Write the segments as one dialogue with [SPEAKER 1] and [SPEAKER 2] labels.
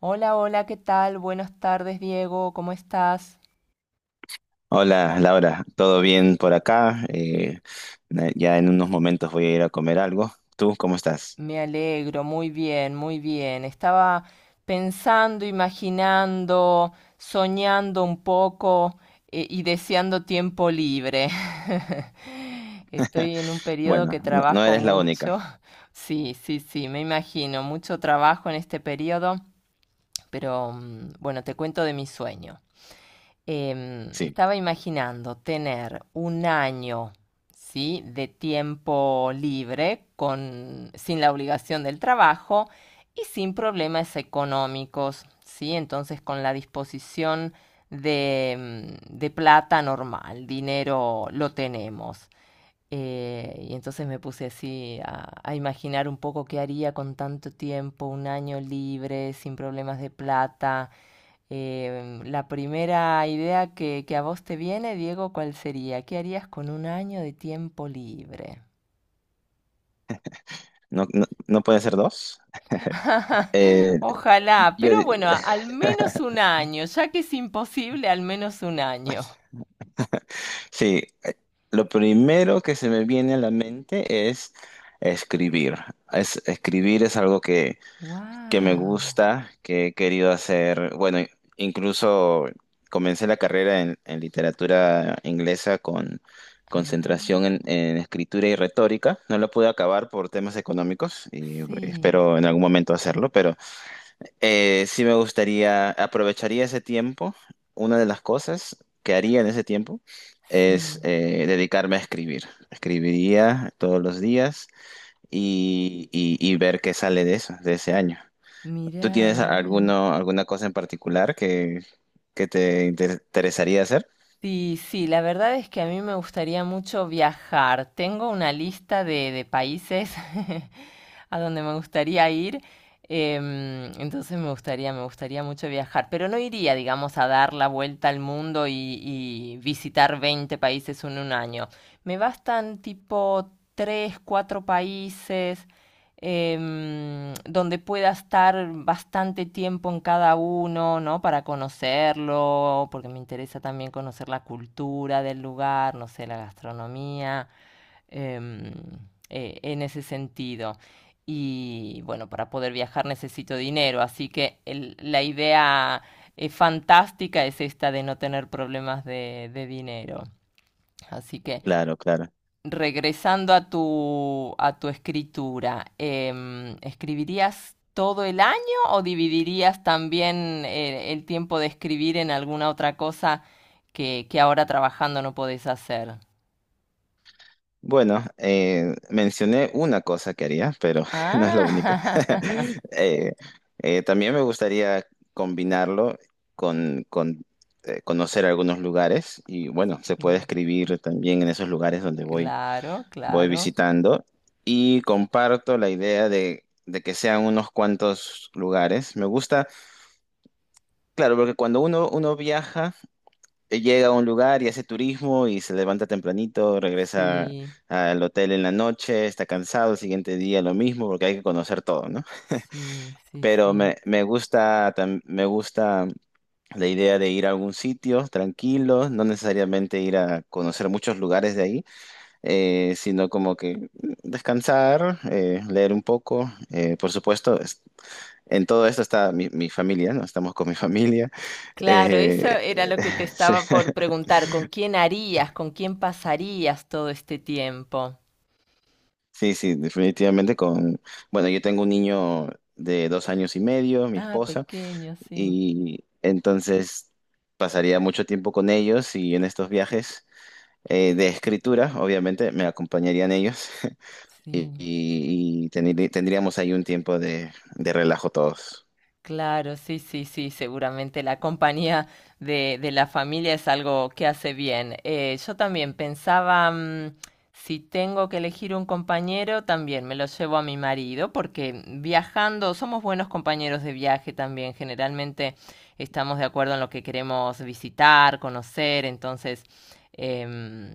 [SPEAKER 1] Hola, hola, ¿qué tal? Buenas tardes, Diego, ¿cómo estás?
[SPEAKER 2] Hola Laura, ¿todo bien por acá? Ya en unos momentos voy a ir a comer algo. ¿Tú cómo estás?
[SPEAKER 1] Me alegro, muy bien, muy bien. Estaba pensando, imaginando, soñando un poco, y deseando tiempo libre. Estoy en un periodo
[SPEAKER 2] Bueno,
[SPEAKER 1] que
[SPEAKER 2] no, no
[SPEAKER 1] trabajo
[SPEAKER 2] eres la única.
[SPEAKER 1] mucho. Sí, sí, sí, me imagino, mucho trabajo en este periodo, pero bueno, te cuento de mi sueño.
[SPEAKER 2] Sí,
[SPEAKER 1] Estaba imaginando tener un año, ¿sí?, de tiempo libre, con, sin la obligación del trabajo y sin problemas económicos, ¿sí? Entonces, con la disposición de plata normal, dinero lo tenemos. Y entonces me puse así a imaginar un poco qué haría con tanto tiempo, un año libre, sin problemas de plata. La primera idea que a vos te viene, Diego, ¿cuál sería? ¿Qué harías con un año de tiempo libre?
[SPEAKER 2] no, no, no puede ser dos. Eh,
[SPEAKER 1] Ojalá,
[SPEAKER 2] yo,
[SPEAKER 1] pero bueno, al menos un año, ya que es imposible, al menos un año.
[SPEAKER 2] sí, eh, lo primero que se me viene a la mente es escribir. Escribir es algo que me
[SPEAKER 1] Wow.
[SPEAKER 2] gusta, que he querido hacer. Bueno, incluso comencé la carrera en literatura inglesa con concentración
[SPEAKER 1] Ah,
[SPEAKER 2] en escritura y retórica. No la pude acabar por temas económicos y
[SPEAKER 1] sí,
[SPEAKER 2] espero en algún momento hacerlo, pero sí me gustaría, aprovecharía ese tiempo. Una de las cosas que haría en ese tiempo es
[SPEAKER 1] sí.
[SPEAKER 2] dedicarme a escribir. Escribiría todos los días y ver qué sale de eso, de ese año. ¿Tú
[SPEAKER 1] Mirá,
[SPEAKER 2] tienes
[SPEAKER 1] mirá.
[SPEAKER 2] alguna cosa en particular que te interesaría hacer?
[SPEAKER 1] Sí, sí, la verdad es que a mí me gustaría mucho viajar. Tengo una lista de países a donde me gustaría ir. Entonces, me gustaría mucho viajar, pero no iría, digamos, a dar la vuelta al mundo y visitar 20 países en un año. Me bastan tipo 3, 4 países, donde pueda estar bastante tiempo en cada uno, ¿no? Para conocerlo, porque me interesa también conocer la cultura del lugar, no sé, la gastronomía, em, en ese sentido. Y bueno, para poder viajar necesito dinero, así que la idea, fantástica, es esta de no tener problemas de dinero. Así que,
[SPEAKER 2] Claro, claro.
[SPEAKER 1] regresando a tu escritura, ¿escribirías todo el año o dividirías también el tiempo de escribir en alguna otra cosa que ahora trabajando no podés hacer?
[SPEAKER 2] Bueno, mencioné una cosa que haría, pero no es la única.
[SPEAKER 1] Ah,
[SPEAKER 2] Eh, También me gustaría combinarlo con conocer algunos lugares y bueno, se puede escribir también en esos lugares donde voy,
[SPEAKER 1] claro,
[SPEAKER 2] voy
[SPEAKER 1] claro.
[SPEAKER 2] visitando y comparto la idea de que sean unos cuantos lugares. Me gusta, claro, porque cuando uno viaja, llega a un lugar y hace turismo y se levanta tempranito, regresa
[SPEAKER 1] Sí,
[SPEAKER 2] al hotel en la noche, está cansado, el siguiente día lo mismo, porque hay que conocer todo, ¿no?
[SPEAKER 1] sí, sí,
[SPEAKER 2] Pero
[SPEAKER 1] sí.
[SPEAKER 2] me gusta, me gusta la idea de ir a algún sitio tranquilo, no necesariamente ir a conocer muchos lugares de ahí, sino descansar, leer un poco. En todo esto está mi familia, ¿no? Estamos con mi familia.
[SPEAKER 1] Claro, eso
[SPEAKER 2] eh,
[SPEAKER 1] era lo que te
[SPEAKER 2] sí.
[SPEAKER 1] estaba por preguntar. ¿Con quién harías, con quién pasarías todo este tiempo?
[SPEAKER 2] Sí, sí, definitivamente con, bueno, yo tengo un niño de 2 años y medio, mi
[SPEAKER 1] Ah,
[SPEAKER 2] esposa,
[SPEAKER 1] pequeño, sí,
[SPEAKER 2] y entonces pasaría mucho tiempo con ellos y en estos viajes de escritura, obviamente, me acompañarían ellos y,
[SPEAKER 1] sí.
[SPEAKER 2] y- y teni- tendríamos ahí un tiempo de relajo todos,
[SPEAKER 1] Claro, sí, sí, sí, seguramente la compañía de la familia es algo que hace bien. Yo también pensaba, si tengo que elegir un compañero, también me lo llevo a mi marido, porque viajando somos buenos compañeros de viaje también. Generalmente estamos de acuerdo en lo que queremos visitar, conocer. Entonces, em,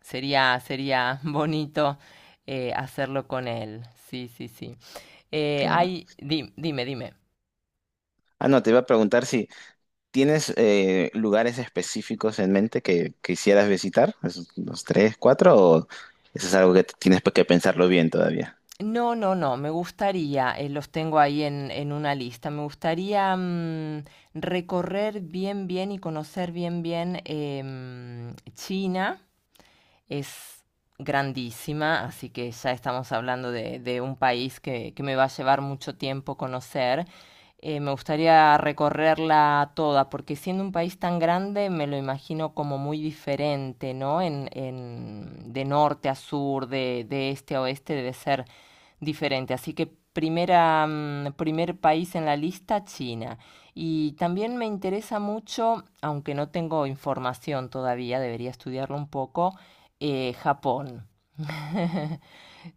[SPEAKER 1] sería bonito hacerlo con él. Sí, sí, sí. Eh,
[SPEAKER 2] claro.
[SPEAKER 1] hay, di- dime, dime.
[SPEAKER 2] Ah, no, te iba a preguntar si tienes lugares específicos en mente que quisieras visitar, esos, los tres, cuatro, o eso es algo que tienes que pensarlo bien todavía.
[SPEAKER 1] No, no, no, me gustaría, los tengo ahí en una lista, me gustaría recorrer bien, bien y conocer bien, bien, China es grandísima, así que ya estamos hablando de un país que me va a llevar mucho tiempo conocer. Me gustaría recorrerla toda, porque siendo un país tan grande me lo imagino como muy diferente, ¿no? De norte a sur, de este a oeste debe ser diferente. Así que, primer país en la lista, China. Y también me interesa mucho, aunque no tengo información todavía, debería estudiarlo un poco, Japón.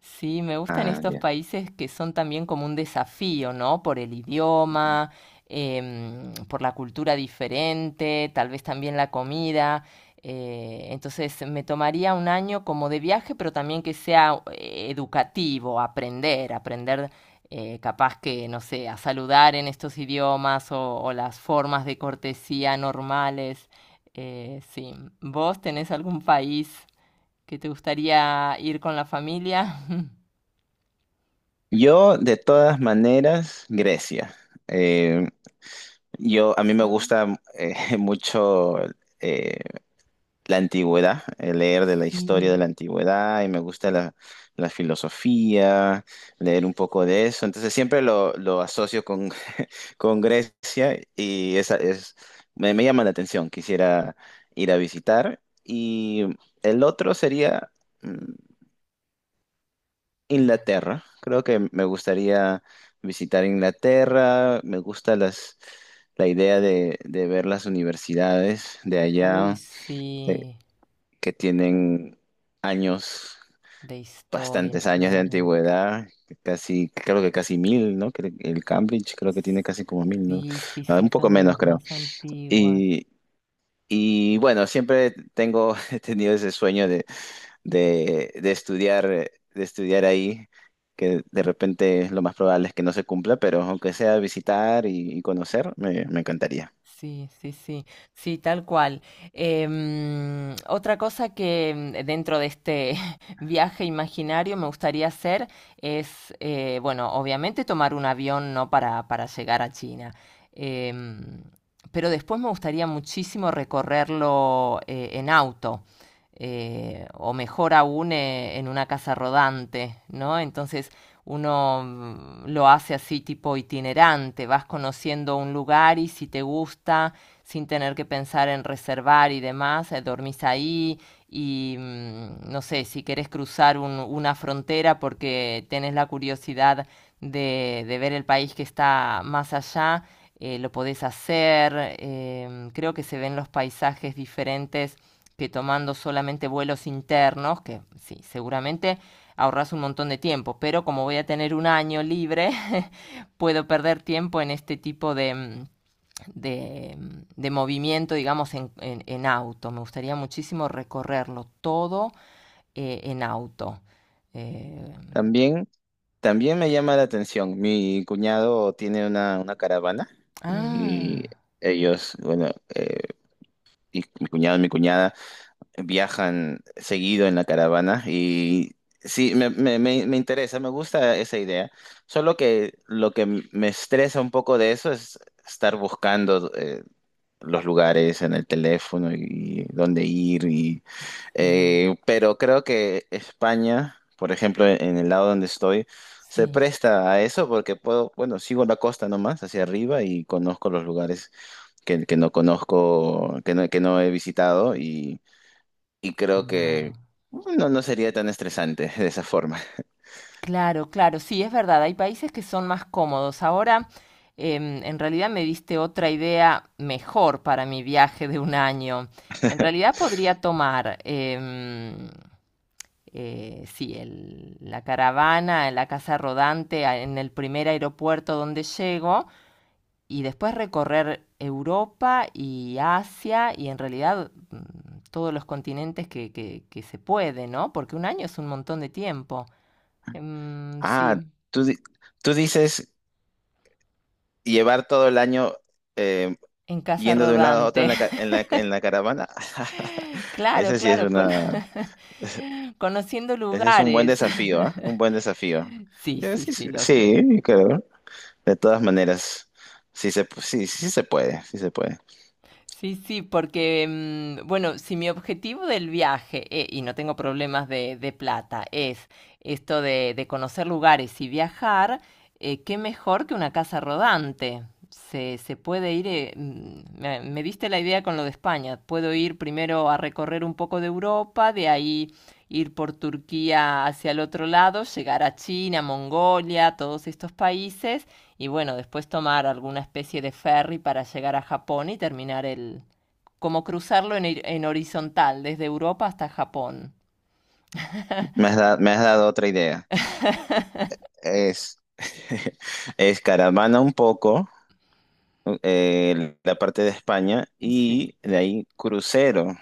[SPEAKER 1] Sí, me gustan
[SPEAKER 2] Ah,
[SPEAKER 1] estos
[SPEAKER 2] ya.
[SPEAKER 1] países que son también como un desafío, ¿no? Por el idioma, por la cultura diferente, tal vez también la comida. Entonces me tomaría un año como de viaje, pero también que sea educativo, aprender capaz que, no sé, a saludar en estos idiomas, o las formas de cortesía normales. Sí, ¿vos tenés algún país que te gustaría ir con la familia?
[SPEAKER 2] Yo, de todas maneras, Grecia. Eh, a mí me
[SPEAKER 1] Ah,
[SPEAKER 2] gusta mucho eh, la antigüedad, leer de la historia de la
[SPEAKER 1] sí.
[SPEAKER 2] antigüedad y me gusta la filosofía, leer un poco de eso. Entonces siempre lo asocio con, con Grecia y esa es, me llama la atención. Quisiera ir a visitar. Y el otro sería... mm, Inglaterra. Creo que me gustaría visitar Inglaterra. Me gusta la idea de ver las universidades de
[SPEAKER 1] Uy,
[SPEAKER 2] allá que
[SPEAKER 1] sí.
[SPEAKER 2] que tienen años,
[SPEAKER 1] De historia,
[SPEAKER 2] bastantes años de
[SPEAKER 1] claro.
[SPEAKER 2] antigüedad. Creo que casi mil, ¿no? El Cambridge creo que tiene casi como mil, ¿no?
[SPEAKER 1] Sí, sí,
[SPEAKER 2] Ah,
[SPEAKER 1] sí,
[SPEAKER 2] un poco
[SPEAKER 1] son de
[SPEAKER 2] menos,
[SPEAKER 1] las
[SPEAKER 2] creo.
[SPEAKER 1] más antiguas.
[SPEAKER 2] Y, y bueno, siempre tengo, he tenido ese sueño de estudiar ahí, que de repente lo más probable es que no se cumpla, pero aunque sea visitar y conocer, me encantaría.
[SPEAKER 1] Sí, sí, sí, sí, tal cual. Otra cosa que, dentro de este viaje imaginario, me gustaría hacer es, bueno, obviamente tomar un avión, ¿no?, para llegar a China. Em, pero después me gustaría muchísimo recorrerlo en auto, o mejor aún, en una casa rodante, ¿no? Entonces, uno lo hace así, tipo itinerante, vas conociendo un lugar y, si te gusta, sin tener que pensar en reservar y demás, dormís ahí y, no sé, si querés cruzar una frontera porque tenés la curiosidad de ver el país que está más allá, lo podés hacer. Creo que se ven los paisajes diferentes que tomando solamente vuelos internos, que sí, seguramente ahorras un montón de tiempo, pero como voy a tener un año libre, puedo perder tiempo en este tipo de movimiento, digamos, en auto. Me gustaría muchísimo recorrerlo todo en auto. Eh,
[SPEAKER 2] También, también me llama la atención, mi cuñado tiene una caravana y
[SPEAKER 1] ah,
[SPEAKER 2] ellos, bueno, eh, y mi cuñado y mi cuñada viajan seguido en la caravana y... Sí, me interesa, me gusta esa idea. Solo que lo que me estresa un poco de eso es estar buscando los lugares en el teléfono y dónde ir. Y,
[SPEAKER 1] sí,
[SPEAKER 2] pero creo que España, por ejemplo, en el lado donde estoy, se
[SPEAKER 1] sí,
[SPEAKER 2] presta a eso porque puedo, bueno, sigo la costa nomás hacia arriba y conozco los lugares que no conozco, que no he visitado y creo
[SPEAKER 1] claro.
[SPEAKER 2] que no, no sería tan estresante de esa forma.
[SPEAKER 1] Claro, claro, sí, es verdad, hay países que son más cómodos. Ahora, en realidad me diste otra idea mejor para mi viaje de un año. En realidad podría tomar, sí, la caravana, la casa rodante, en el primer aeropuerto donde llego, y después recorrer Europa y Asia y, en realidad, todos los continentes que se puede, ¿no? Porque un año es un montón de tiempo.
[SPEAKER 2] Ah,
[SPEAKER 1] Sí.
[SPEAKER 2] tú, di- tú dices llevar todo el año. eh,
[SPEAKER 1] En casa
[SPEAKER 2] Yendo de un lado a otro en
[SPEAKER 1] rodante.
[SPEAKER 2] la, ca- en la caravana.
[SPEAKER 1] Claro,
[SPEAKER 2] Ese sí es
[SPEAKER 1] claro,
[SPEAKER 2] una,
[SPEAKER 1] conociendo
[SPEAKER 2] Ese es un buen
[SPEAKER 1] lugares.
[SPEAKER 2] desafío, ¿ah? Un buen desafío.
[SPEAKER 1] Sí,
[SPEAKER 2] Yo
[SPEAKER 1] sí,
[SPEAKER 2] sí,
[SPEAKER 1] sí,
[SPEAKER 2] sí,
[SPEAKER 1] lo sé.
[SPEAKER 2] sí, creo. De todas maneras, sí, sí se puede, sí se puede.
[SPEAKER 1] Sí, sí, porque, bueno, si mi objetivo del viaje, y no tengo problemas de plata, es esto de conocer lugares y viajar, qué mejor que una casa rodante. Se puede ir, me diste la idea con lo de España, puedo ir primero a recorrer un poco de Europa, de ahí ir por Turquía hacia el otro lado, llegar a China, Mongolia, todos estos países, y bueno, después tomar alguna especie de ferry para llegar a Japón y terminar como cruzarlo en horizontal, desde Europa hasta Japón.
[SPEAKER 2] Me has dado otra idea. Es, es caravana un poco, la parte de España,
[SPEAKER 1] Sí.
[SPEAKER 2] y de ahí crucero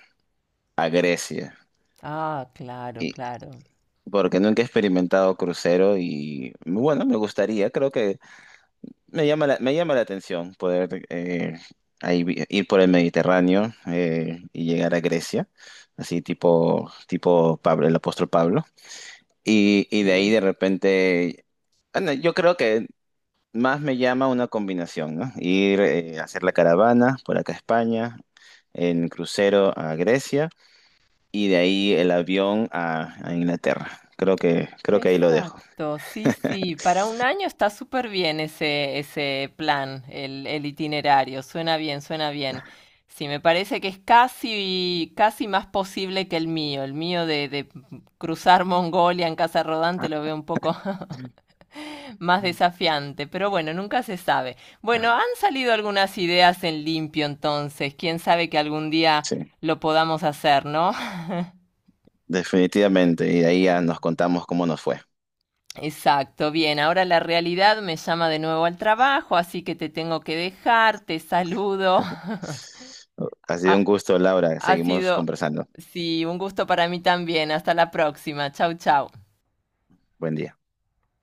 [SPEAKER 2] a Grecia.
[SPEAKER 1] Ah, claro,
[SPEAKER 2] Y,
[SPEAKER 1] claro.
[SPEAKER 2] porque nunca he experimentado crucero y bueno, me gustaría, creo que me llama la atención poder ahí ir por el Mediterráneo y llegar a Grecia, así tipo, tipo Pablo, el apóstol Pablo. Y de ahí
[SPEAKER 1] Sí.
[SPEAKER 2] de repente, bueno, yo creo que más me llama una combinación, ¿no? Ir a hacer la caravana por acá a España, en crucero a Grecia y de ahí el avión a Inglaterra. Creo que ahí lo dejo.
[SPEAKER 1] Exacto, sí, sí. Para un año está súper bien ese plan, el itinerario. Suena bien, suena bien. Sí, me parece que es casi, casi más posible que el mío. El mío de, cruzar Mongolia en casa rodante lo veo un poco más desafiante, pero bueno, nunca se sabe. Bueno, han salido algunas ideas en limpio, entonces quién sabe, que algún día
[SPEAKER 2] Sí,
[SPEAKER 1] lo podamos hacer, ¿no?
[SPEAKER 2] definitivamente. Y de ahí ya nos contamos cómo nos fue.
[SPEAKER 1] Exacto, bien, ahora la realidad me llama de nuevo al trabajo, así que te tengo que dejar, te saludo.
[SPEAKER 2] Ha sido
[SPEAKER 1] Ha,
[SPEAKER 2] un gusto, Laura.
[SPEAKER 1] ha
[SPEAKER 2] Seguimos
[SPEAKER 1] sido,
[SPEAKER 2] conversando.
[SPEAKER 1] sí, un gusto para mí también. Hasta la próxima. Chau, chau.
[SPEAKER 2] Buen día.